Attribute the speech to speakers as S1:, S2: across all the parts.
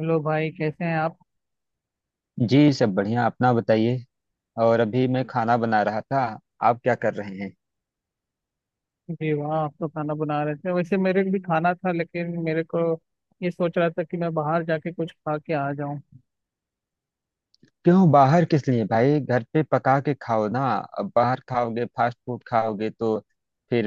S1: Hello भाई, कैसे हैं आप।
S2: जी सब बढ़िया। अपना बताइए। और अभी मैं खाना बना रहा था। आप क्या कर रहे हैं?
S1: जी, वहाँ आप तो खाना बना रहे थे। वैसे मेरे को भी खाना था, लेकिन मेरे को ये सोच रहा था कि मैं बाहर जाके कुछ खा के आ जाऊँ।
S2: क्यों बाहर, किस लिए भाई? घर पे पका के खाओ ना। अब बाहर खाओगे, फास्ट फूड खाओगे तो फिर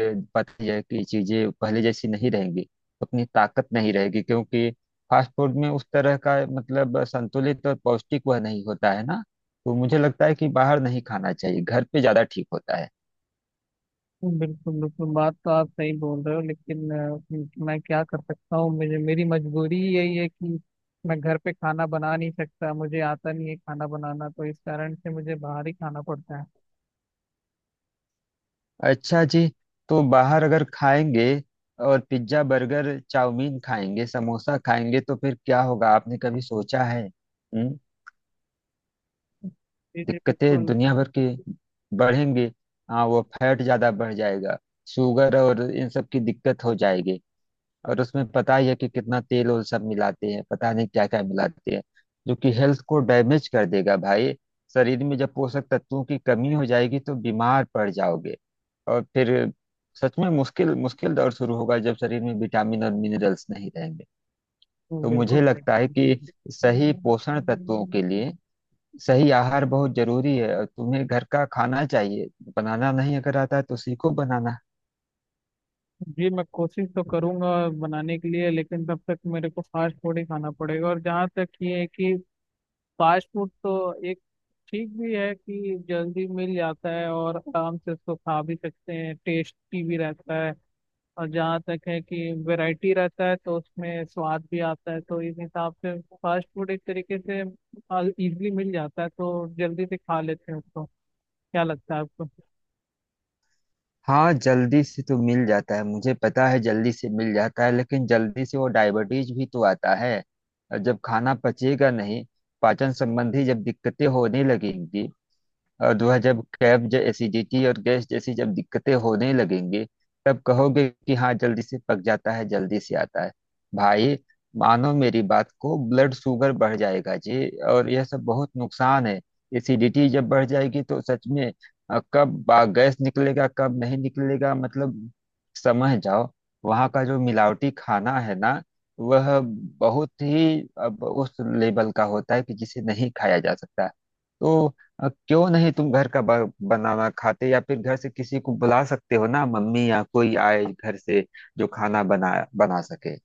S2: पता ही है कि चीजें पहले जैसी नहीं रहेंगी। उतनी ताकत नहीं रहेगी क्योंकि फास्ट फूड में उस तरह का मतलब संतुलित और पौष्टिक वह नहीं होता है ना। तो मुझे लगता है कि बाहर नहीं खाना चाहिए, घर पे ज्यादा ठीक होता है।
S1: बिल्कुल बिल्कुल, बात तो आप सही बोल रहे हो, लेकिन मैं क्या कर सकता हूँ, मुझे मेरी मजबूरी यही है कि मैं घर पे खाना बना नहीं सकता, मुझे आता नहीं है खाना बनाना, तो इस कारण से मुझे बाहर ही खाना पड़ता है।
S2: अच्छा जी। तो बाहर अगर खाएंगे और पिज्जा बर्गर चाउमीन खाएंगे, समोसा खाएंगे तो फिर क्या होगा? आपने कभी सोचा है? हम्म।
S1: जी जी
S2: दिक्कतें
S1: बिल्कुल।
S2: दुनिया भर की बढ़ेंगी। हाँ, वो फैट ज्यादा बढ़ जाएगा। शुगर और इन सब की दिक्कत हो जाएगी। और उसमें पता ही है कि कितना तेल और सब मिलाते हैं, पता नहीं क्या क्या मिलाते हैं जो कि हेल्थ को डैमेज कर देगा भाई। शरीर में जब पोषक तत्वों की कमी हो जाएगी तो बीमार पड़ जाओगे। और फिर सच में मुश्किल मुश्किल दौर शुरू होगा जब शरीर में विटामिन और मिनरल्स नहीं रहेंगे। तो मुझे
S1: बिल्कुल
S2: लगता है कि सही पोषण तत्वों के
S1: सही।
S2: लिए सही आहार बहुत जरूरी है और तुम्हें घर का खाना चाहिए। बनाना नहीं अगर आता है तो सीखो बनाना।
S1: जी मैं कोशिश तो करूंगा बनाने के लिए, लेकिन तब तक मेरे को फास्ट फूड ही खाना पड़ेगा। और जहाँ तक ये है कि फास्ट फूड तो एक ठीक भी है कि जल्दी मिल जाता है और आराम से उसको खा भी सकते हैं, टेस्टी भी रहता है। और जहाँ तक है कि वैरायटी रहता है तो उसमें स्वाद भी आता है, तो इस हिसाब से फास्ट फूड एक तरीके से इजीली मिल जाता है, तो जल्दी से खा लेते हैं उसको। क्या लगता है आपको।
S2: हाँ, जल्दी से तो मिल जाता है, मुझे पता है जल्दी से मिल जाता है लेकिन जल्दी से वो डायबिटीज भी तो आता है। और जब खाना पचेगा नहीं, पाचन संबंधी जब दिक्कतें होने लगेंगी और वह जब एसिडिटी और गैस जैसी जब दिक्कतें होने लगेंगी तब कहोगे कि हाँ जल्दी से पक जाता है, जल्दी से आता है भाई। मानो मेरी बात को, ब्लड शुगर बढ़ जाएगा जी और यह सब बहुत नुकसान है। एसिडिटी जब बढ़ जाएगी तो सच में गैस निकलेगा कब नहीं निकलेगा, मतलब समझ जाओ। वहाँ का जो मिलावटी खाना है ना वह बहुत ही अब उस लेवल का होता है कि जिसे नहीं खाया जा सकता। तो क्यों नहीं तुम घर का बनाना खाते या फिर घर से किसी को बुला सकते हो ना, मम्मी या कोई आए घर से जो खाना बना बना सके।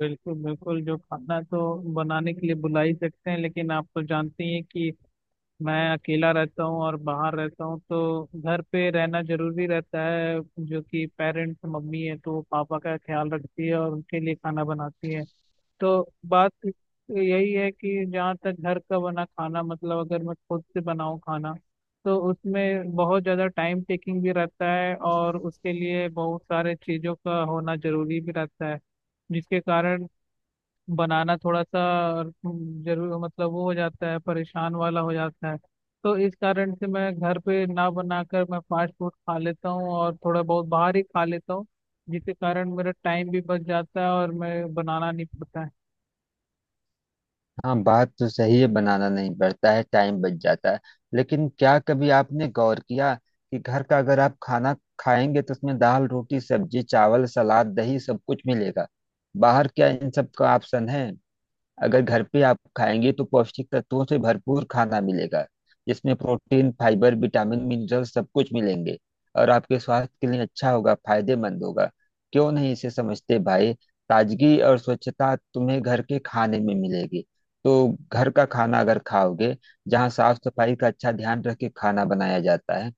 S1: बिल्कुल बिल्कुल, जो खाना तो बनाने के लिए बुला ही सकते हैं, लेकिन आप तो जानते ही हैं कि मैं अकेला रहता हूँ और बाहर रहता हूँ, तो घर पे रहना जरूरी रहता है। जो कि पेरेंट्स, मम्मी है तो वो पापा का ख्याल रखती है और उनके लिए खाना बनाती है। तो बात यही है कि जहाँ तक घर का बना खाना, मतलब अगर मैं खुद से बनाऊँ खाना तो उसमें बहुत ज़्यादा टाइम टेकिंग भी रहता है, और उसके लिए बहुत सारे चीज़ों का होना जरूरी भी रहता है, जिसके कारण बनाना थोड़ा सा जरूर मतलब वो हो जाता है, परेशान वाला हो जाता है। तो इस कारण से मैं घर पे ना बनाकर मैं फास्ट फूड खा लेता हूँ, और थोड़ा बहुत बाहर ही खा लेता हूँ, जिसके कारण मेरा टाइम भी बच जाता है और मैं बनाना नहीं पड़ता है।
S2: हाँ, बात तो सही है, बनाना नहीं पड़ता है, टाइम बच जाता है लेकिन क्या कभी आपने गौर किया कि घर का अगर आप खाना खाएंगे तो उसमें दाल रोटी सब्जी चावल सलाद दही सब कुछ मिलेगा। बाहर क्या इन सब का ऑप्शन है? अगर घर पे आप खाएंगे तो पौष्टिक तत्वों से भरपूर खाना मिलेगा जिसमें प्रोटीन फाइबर विटामिन मिनरल सब कुछ मिलेंगे और आपके स्वास्थ्य के लिए अच्छा होगा, फायदेमंद होगा। क्यों नहीं इसे समझते भाई? ताजगी और स्वच्छता तुम्हें घर के खाने में मिलेगी। तो घर का खाना अगर खाओगे जहाँ साफ सफाई का अच्छा ध्यान रख के खाना बनाया जाता है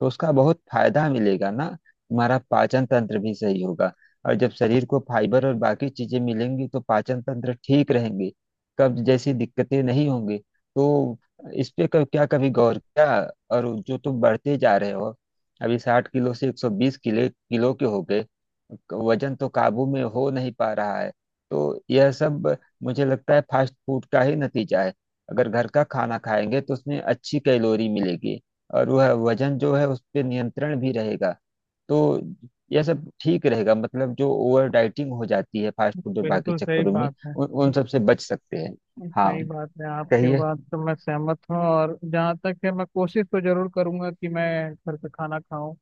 S2: तो उसका बहुत फायदा मिलेगा ना। हमारा पाचन तंत्र भी सही होगा और जब शरीर को फाइबर और बाकी चीजें मिलेंगी तो पाचन तंत्र ठीक रहेंगे, कब्ज जैसी दिक्कतें नहीं होंगी। तो इस पे कब क्या कभी गौर किया? और जो तुम बढ़ते जा रहे हो, अभी 60 किलो से 120 किलो किलो के हो गए। वजन तो काबू में हो नहीं पा रहा है। तो यह सब मुझे लगता है फास्ट फूड का ही नतीजा है। अगर घर का खाना खाएंगे तो उसमें अच्छी कैलोरी मिलेगी और वह वजन जो है उस पर नियंत्रण भी रहेगा। तो यह सब ठीक रहेगा, मतलब जो ओवर डाइटिंग हो जाती है फास्ट फूड और बाकी
S1: बिल्कुल सही
S2: चक्करों में,
S1: बात है।
S2: उन उन सब से बच सकते हैं। हाँ,
S1: सही बात है, आपके
S2: कहिए।
S1: बात तो मैं सहमत हूँ। और जहाँ तक है, मैं कोशिश तो जरूर करूंगा कि मैं घर का खाना खाऊं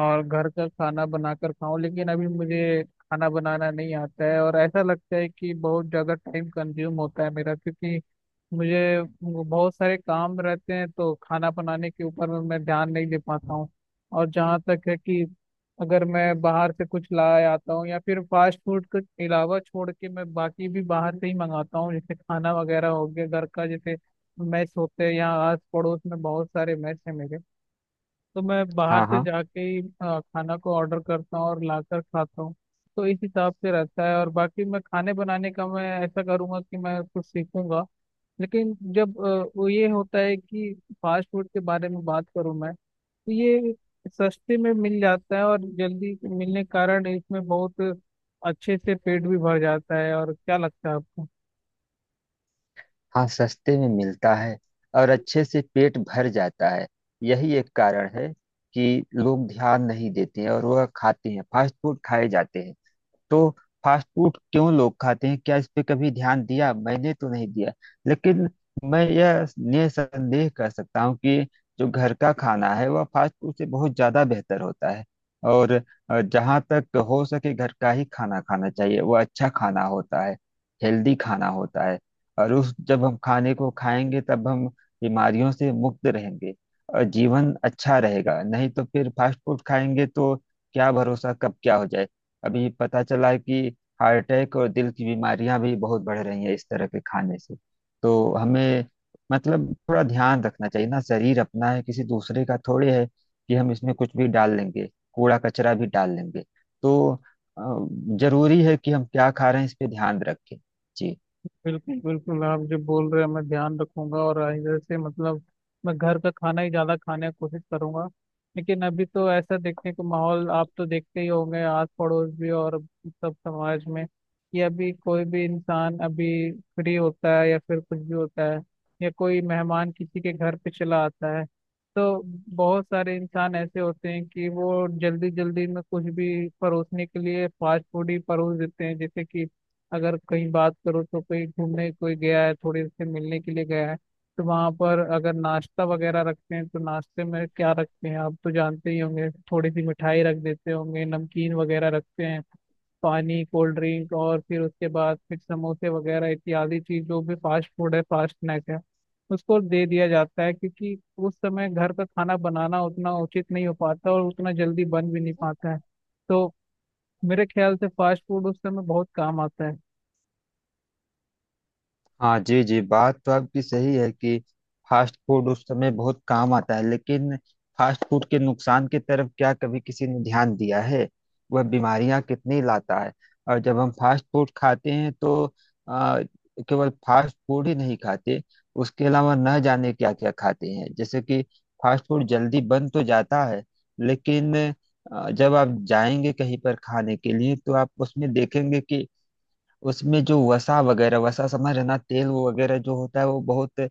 S1: और घर का खाना बनाकर खाऊं, लेकिन अभी मुझे खाना बनाना नहीं आता है और ऐसा लगता है कि बहुत ज़्यादा टाइम कंज्यूम होता है मेरा, क्योंकि मुझे वो बहुत सारे काम रहते हैं, तो खाना बनाने के ऊपर में मैं ध्यान नहीं दे पाता हूँ। और जहाँ तक है कि अगर मैं बाहर से कुछ लाए आता हूँ, या फिर फास्ट फूड के अलावा छोड़ के मैं बाकी भी बाहर से ही मंगाता हूँ, जैसे खाना वगैरह हो गया घर का, जैसे मेस होते हैं, यहाँ आस पड़ोस में बहुत सारे मेस हैं मेरे, तो मैं बाहर
S2: हाँ
S1: से
S2: हाँ
S1: जाके ही खाना को ऑर्डर करता हूँ और लाकर खाता हूँ। तो इस हिसाब से रहता है। और बाकी मैं खाने बनाने का मैं ऐसा करूँगा कि मैं कुछ सीखूंगा, लेकिन जब वो ये होता है कि फास्ट फूड के बारे में बात करूँ मैं, तो ये सस्ते में मिल जाता है, और जल्दी मिलने के कारण इसमें बहुत अच्छे से पेट भी भर जाता है। और क्या लगता है आपको।
S2: हाँ, सस्ते में मिलता है और अच्छे से पेट भर जाता है। यही एक कारण है कि लोग ध्यान नहीं देते हैं और वह खाते हैं, फास्ट फूड खाए जाते हैं। तो फास्ट फूड क्यों लोग खाते हैं, क्या इस पे कभी ध्यान दिया? मैंने तो नहीं दिया लेकिन मैं यह निसंदेह कर सकता हूँ कि जो घर का खाना है वह फास्ट फूड से बहुत ज्यादा बेहतर होता है। और जहाँ तक हो सके घर का ही खाना खाना चाहिए। वह अच्छा खाना होता है, हेल्दी खाना होता है। और उस जब हम खाने को खाएंगे तब हम बीमारियों से मुक्त रहेंगे और जीवन अच्छा रहेगा। नहीं तो फिर फास्ट फूड खाएंगे तो क्या भरोसा, कब क्या हो जाए। अभी पता चला है कि हार्ट अटैक और दिल की बीमारियां भी बहुत बढ़ रही हैं इस तरह के खाने से। तो हमें मतलब थोड़ा ध्यान रखना चाहिए ना, शरीर अपना है, किसी दूसरे का थोड़े है कि हम इसमें कुछ भी डाल लेंगे, कूड़ा कचरा भी डाल लेंगे। तो अ, जरूरी है कि हम क्या खा रहे हैं इस पे ध्यान रखें जी।
S1: बिल्कुल बिल्कुल, आप जो बोल रहे हैं मैं ध्यान रखूंगा, और इधर से मतलब मैं घर का खाना ही ज्यादा खाने की कोशिश करूंगा। लेकिन अभी तो ऐसा देखने को माहौल आप तो देखते ही होंगे, आस पड़ोस भी और सब समाज में कि अभी कोई भी इंसान अभी फ्री होता है या फिर कुछ भी होता है, या कोई मेहमान किसी के घर पे चला आता है, तो बहुत सारे इंसान ऐसे होते हैं कि वो जल्दी जल्दी में कुछ भी परोसने के लिए फास्ट फूड ही परोस देते हैं। जैसे कि अगर कहीं बात करो, तो कहीं घूमने कोई गया है, थोड़ी से मिलने के लिए गया है, तो वहां पर अगर नाश्ता वगैरह रखते हैं, तो नाश्ते में क्या रखते हैं आप तो जानते ही होंगे, थोड़ी सी मिठाई रख देते होंगे, नमकीन वगैरह रखते हैं, पानी, कोल्ड ड्रिंक, और फिर उसके बाद फिर समोसे वगैरह इत्यादि चीज, जो भी फास्ट फूड है, फास्ट स्नैक है, उसको दे दिया जाता है, क्योंकि उस समय घर का खाना बनाना उतना उचित नहीं हो पाता और उतना जल्दी बन भी नहीं पाता है। तो मेरे ख्याल से फास्ट फूड उस समय बहुत काम आता है।
S2: हाँ जी जी, बात तो आपकी सही है कि फास्ट फूड उस समय बहुत काम आता है लेकिन फास्ट फूड के नुकसान की तरफ क्या कभी किसी ने ध्यान दिया है? वह बीमारियां कितनी लाता है। और जब हम फास्ट फूड खाते हैं तो आ, केवल फास्ट फूड ही नहीं खाते, उसके अलावा न जाने क्या क्या खाते हैं। जैसे कि फास्ट फूड जल्दी बन तो जाता है लेकिन जब आप जाएंगे कहीं पर खाने के लिए तो आप उसमें देखेंगे कि उसमें जो वसा वगैरह, वसा समझ रहे ना, तेल वो वगैरह जो होता है वो बहुत,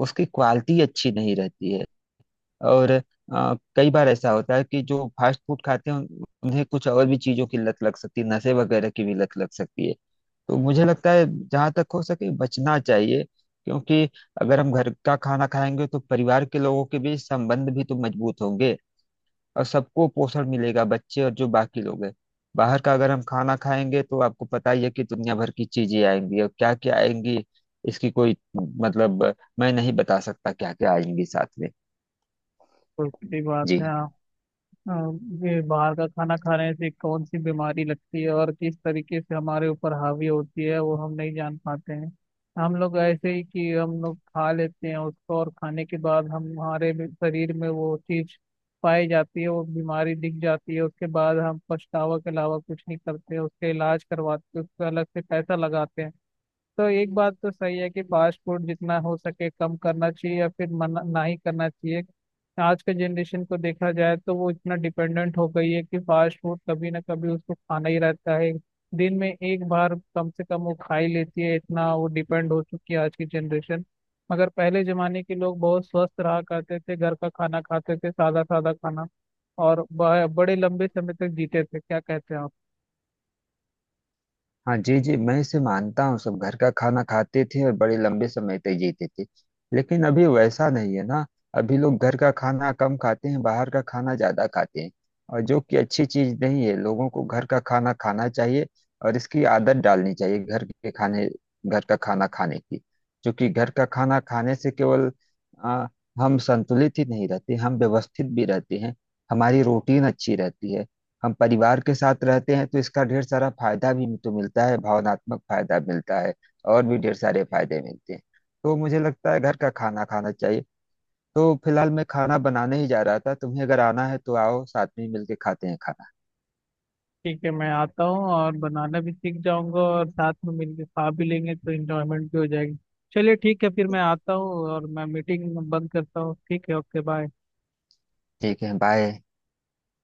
S2: उसकी क्वालिटी अच्छी नहीं रहती है। और कई बार ऐसा होता है कि जो फास्ट फूड खाते हैं उन्हें कुछ और भी चीजों की लत लग सकती है, नशे वगैरह की भी लत लग सकती है। तो मुझे लगता है जहाँ तक हो सके बचना चाहिए, क्योंकि अगर हम घर का खाना खाएंगे तो परिवार के लोगों के बीच संबंध भी तो मजबूत होंगे और सबको पोषण मिलेगा, बच्चे और जो बाकी लोग हैं। बाहर का अगर हम खाना खाएंगे तो आपको पता ही है कि दुनिया भर की चीजें आएंगी और क्या क्या आएंगी, इसकी कोई मतलब मैं नहीं बता सकता क्या क्या आएंगी साथ में।
S1: तो सही बात
S2: जी।
S1: है आप। अ, ये बाहर का खाना खाने से कौन सी बीमारी लगती है और किस तरीके से हमारे ऊपर हावी होती है वो हम नहीं जान पाते हैं। हम लोग ऐसे ही कि हम लोग खा लेते हैं उसको, और खाने के बाद हम हमारे भी शरीर में वो चीज पाई जाती है, वो बीमारी दिख जाती है। उसके बाद हम पछतावा के अलावा कुछ नहीं करते, उसके इलाज करवाते, उसका अलग से पैसा लगाते हैं। तो एक बात तो सही है कि फास्ट फूड जितना हो सके कम करना चाहिए, या फिर मना ना ही करना चाहिए। आज के जनरेशन को देखा जाए, तो वो इतना डिपेंडेंट हो गई है कि फास्ट फूड कभी ना कभी उसको खाना ही रहता है। दिन में एक बार कम से कम वो खा ही लेती है, इतना वो डिपेंड हो चुकी है आज की जनरेशन। मगर पहले जमाने के लोग बहुत स्वस्थ रहा करते थे, घर का खाना खाते थे, सादा सादा खाना, और बड़े लंबे समय तक जीते थे। क्या कहते हैं आप।
S2: हाँ जी जी, मैं इसे मानता हूँ, सब घर का खाना खाते थे और बड़े लंबे समय तक जीते थे लेकिन अभी वैसा नहीं है ना। अभी लोग घर का खाना कम खाते हैं, बाहर का खाना ज्यादा खाते हैं और जो कि अच्छी चीज नहीं है। लोगों को घर का खाना खाना चाहिए और इसकी आदत डालनी चाहिए, घर के खाने, घर का खाना खाने की, क्योंकि घर का खाना खाने से केवल आ, हम संतुलित ही नहीं रहते, हम व्यवस्थित भी रहते हैं। हमारी रूटीन अच्छी रहती है, हम परिवार के साथ रहते हैं तो इसका ढेर सारा फायदा भी तो मिलता है, भावनात्मक फायदा मिलता है, और भी ढेर सारे फायदे मिलते हैं। तो मुझे लगता है घर का खाना खाना चाहिए। तो फिलहाल मैं खाना बनाने ही जा रहा था, तुम्हें अगर आना है तो आओ, साथ में ही मिलके खाते हैं खाना।
S1: ठीक है, मैं आता हूँ, और बनाना भी सीख जाऊंगा और साथ में मिलके खा भी लेंगे, तो इंजॉयमेंट भी हो जाएगी। चलिए ठीक है, फिर मैं आता हूँ और मैं मीटिंग बंद करता हूँ। ठीक है, ओके, बाय।
S2: ठीक है, बाय।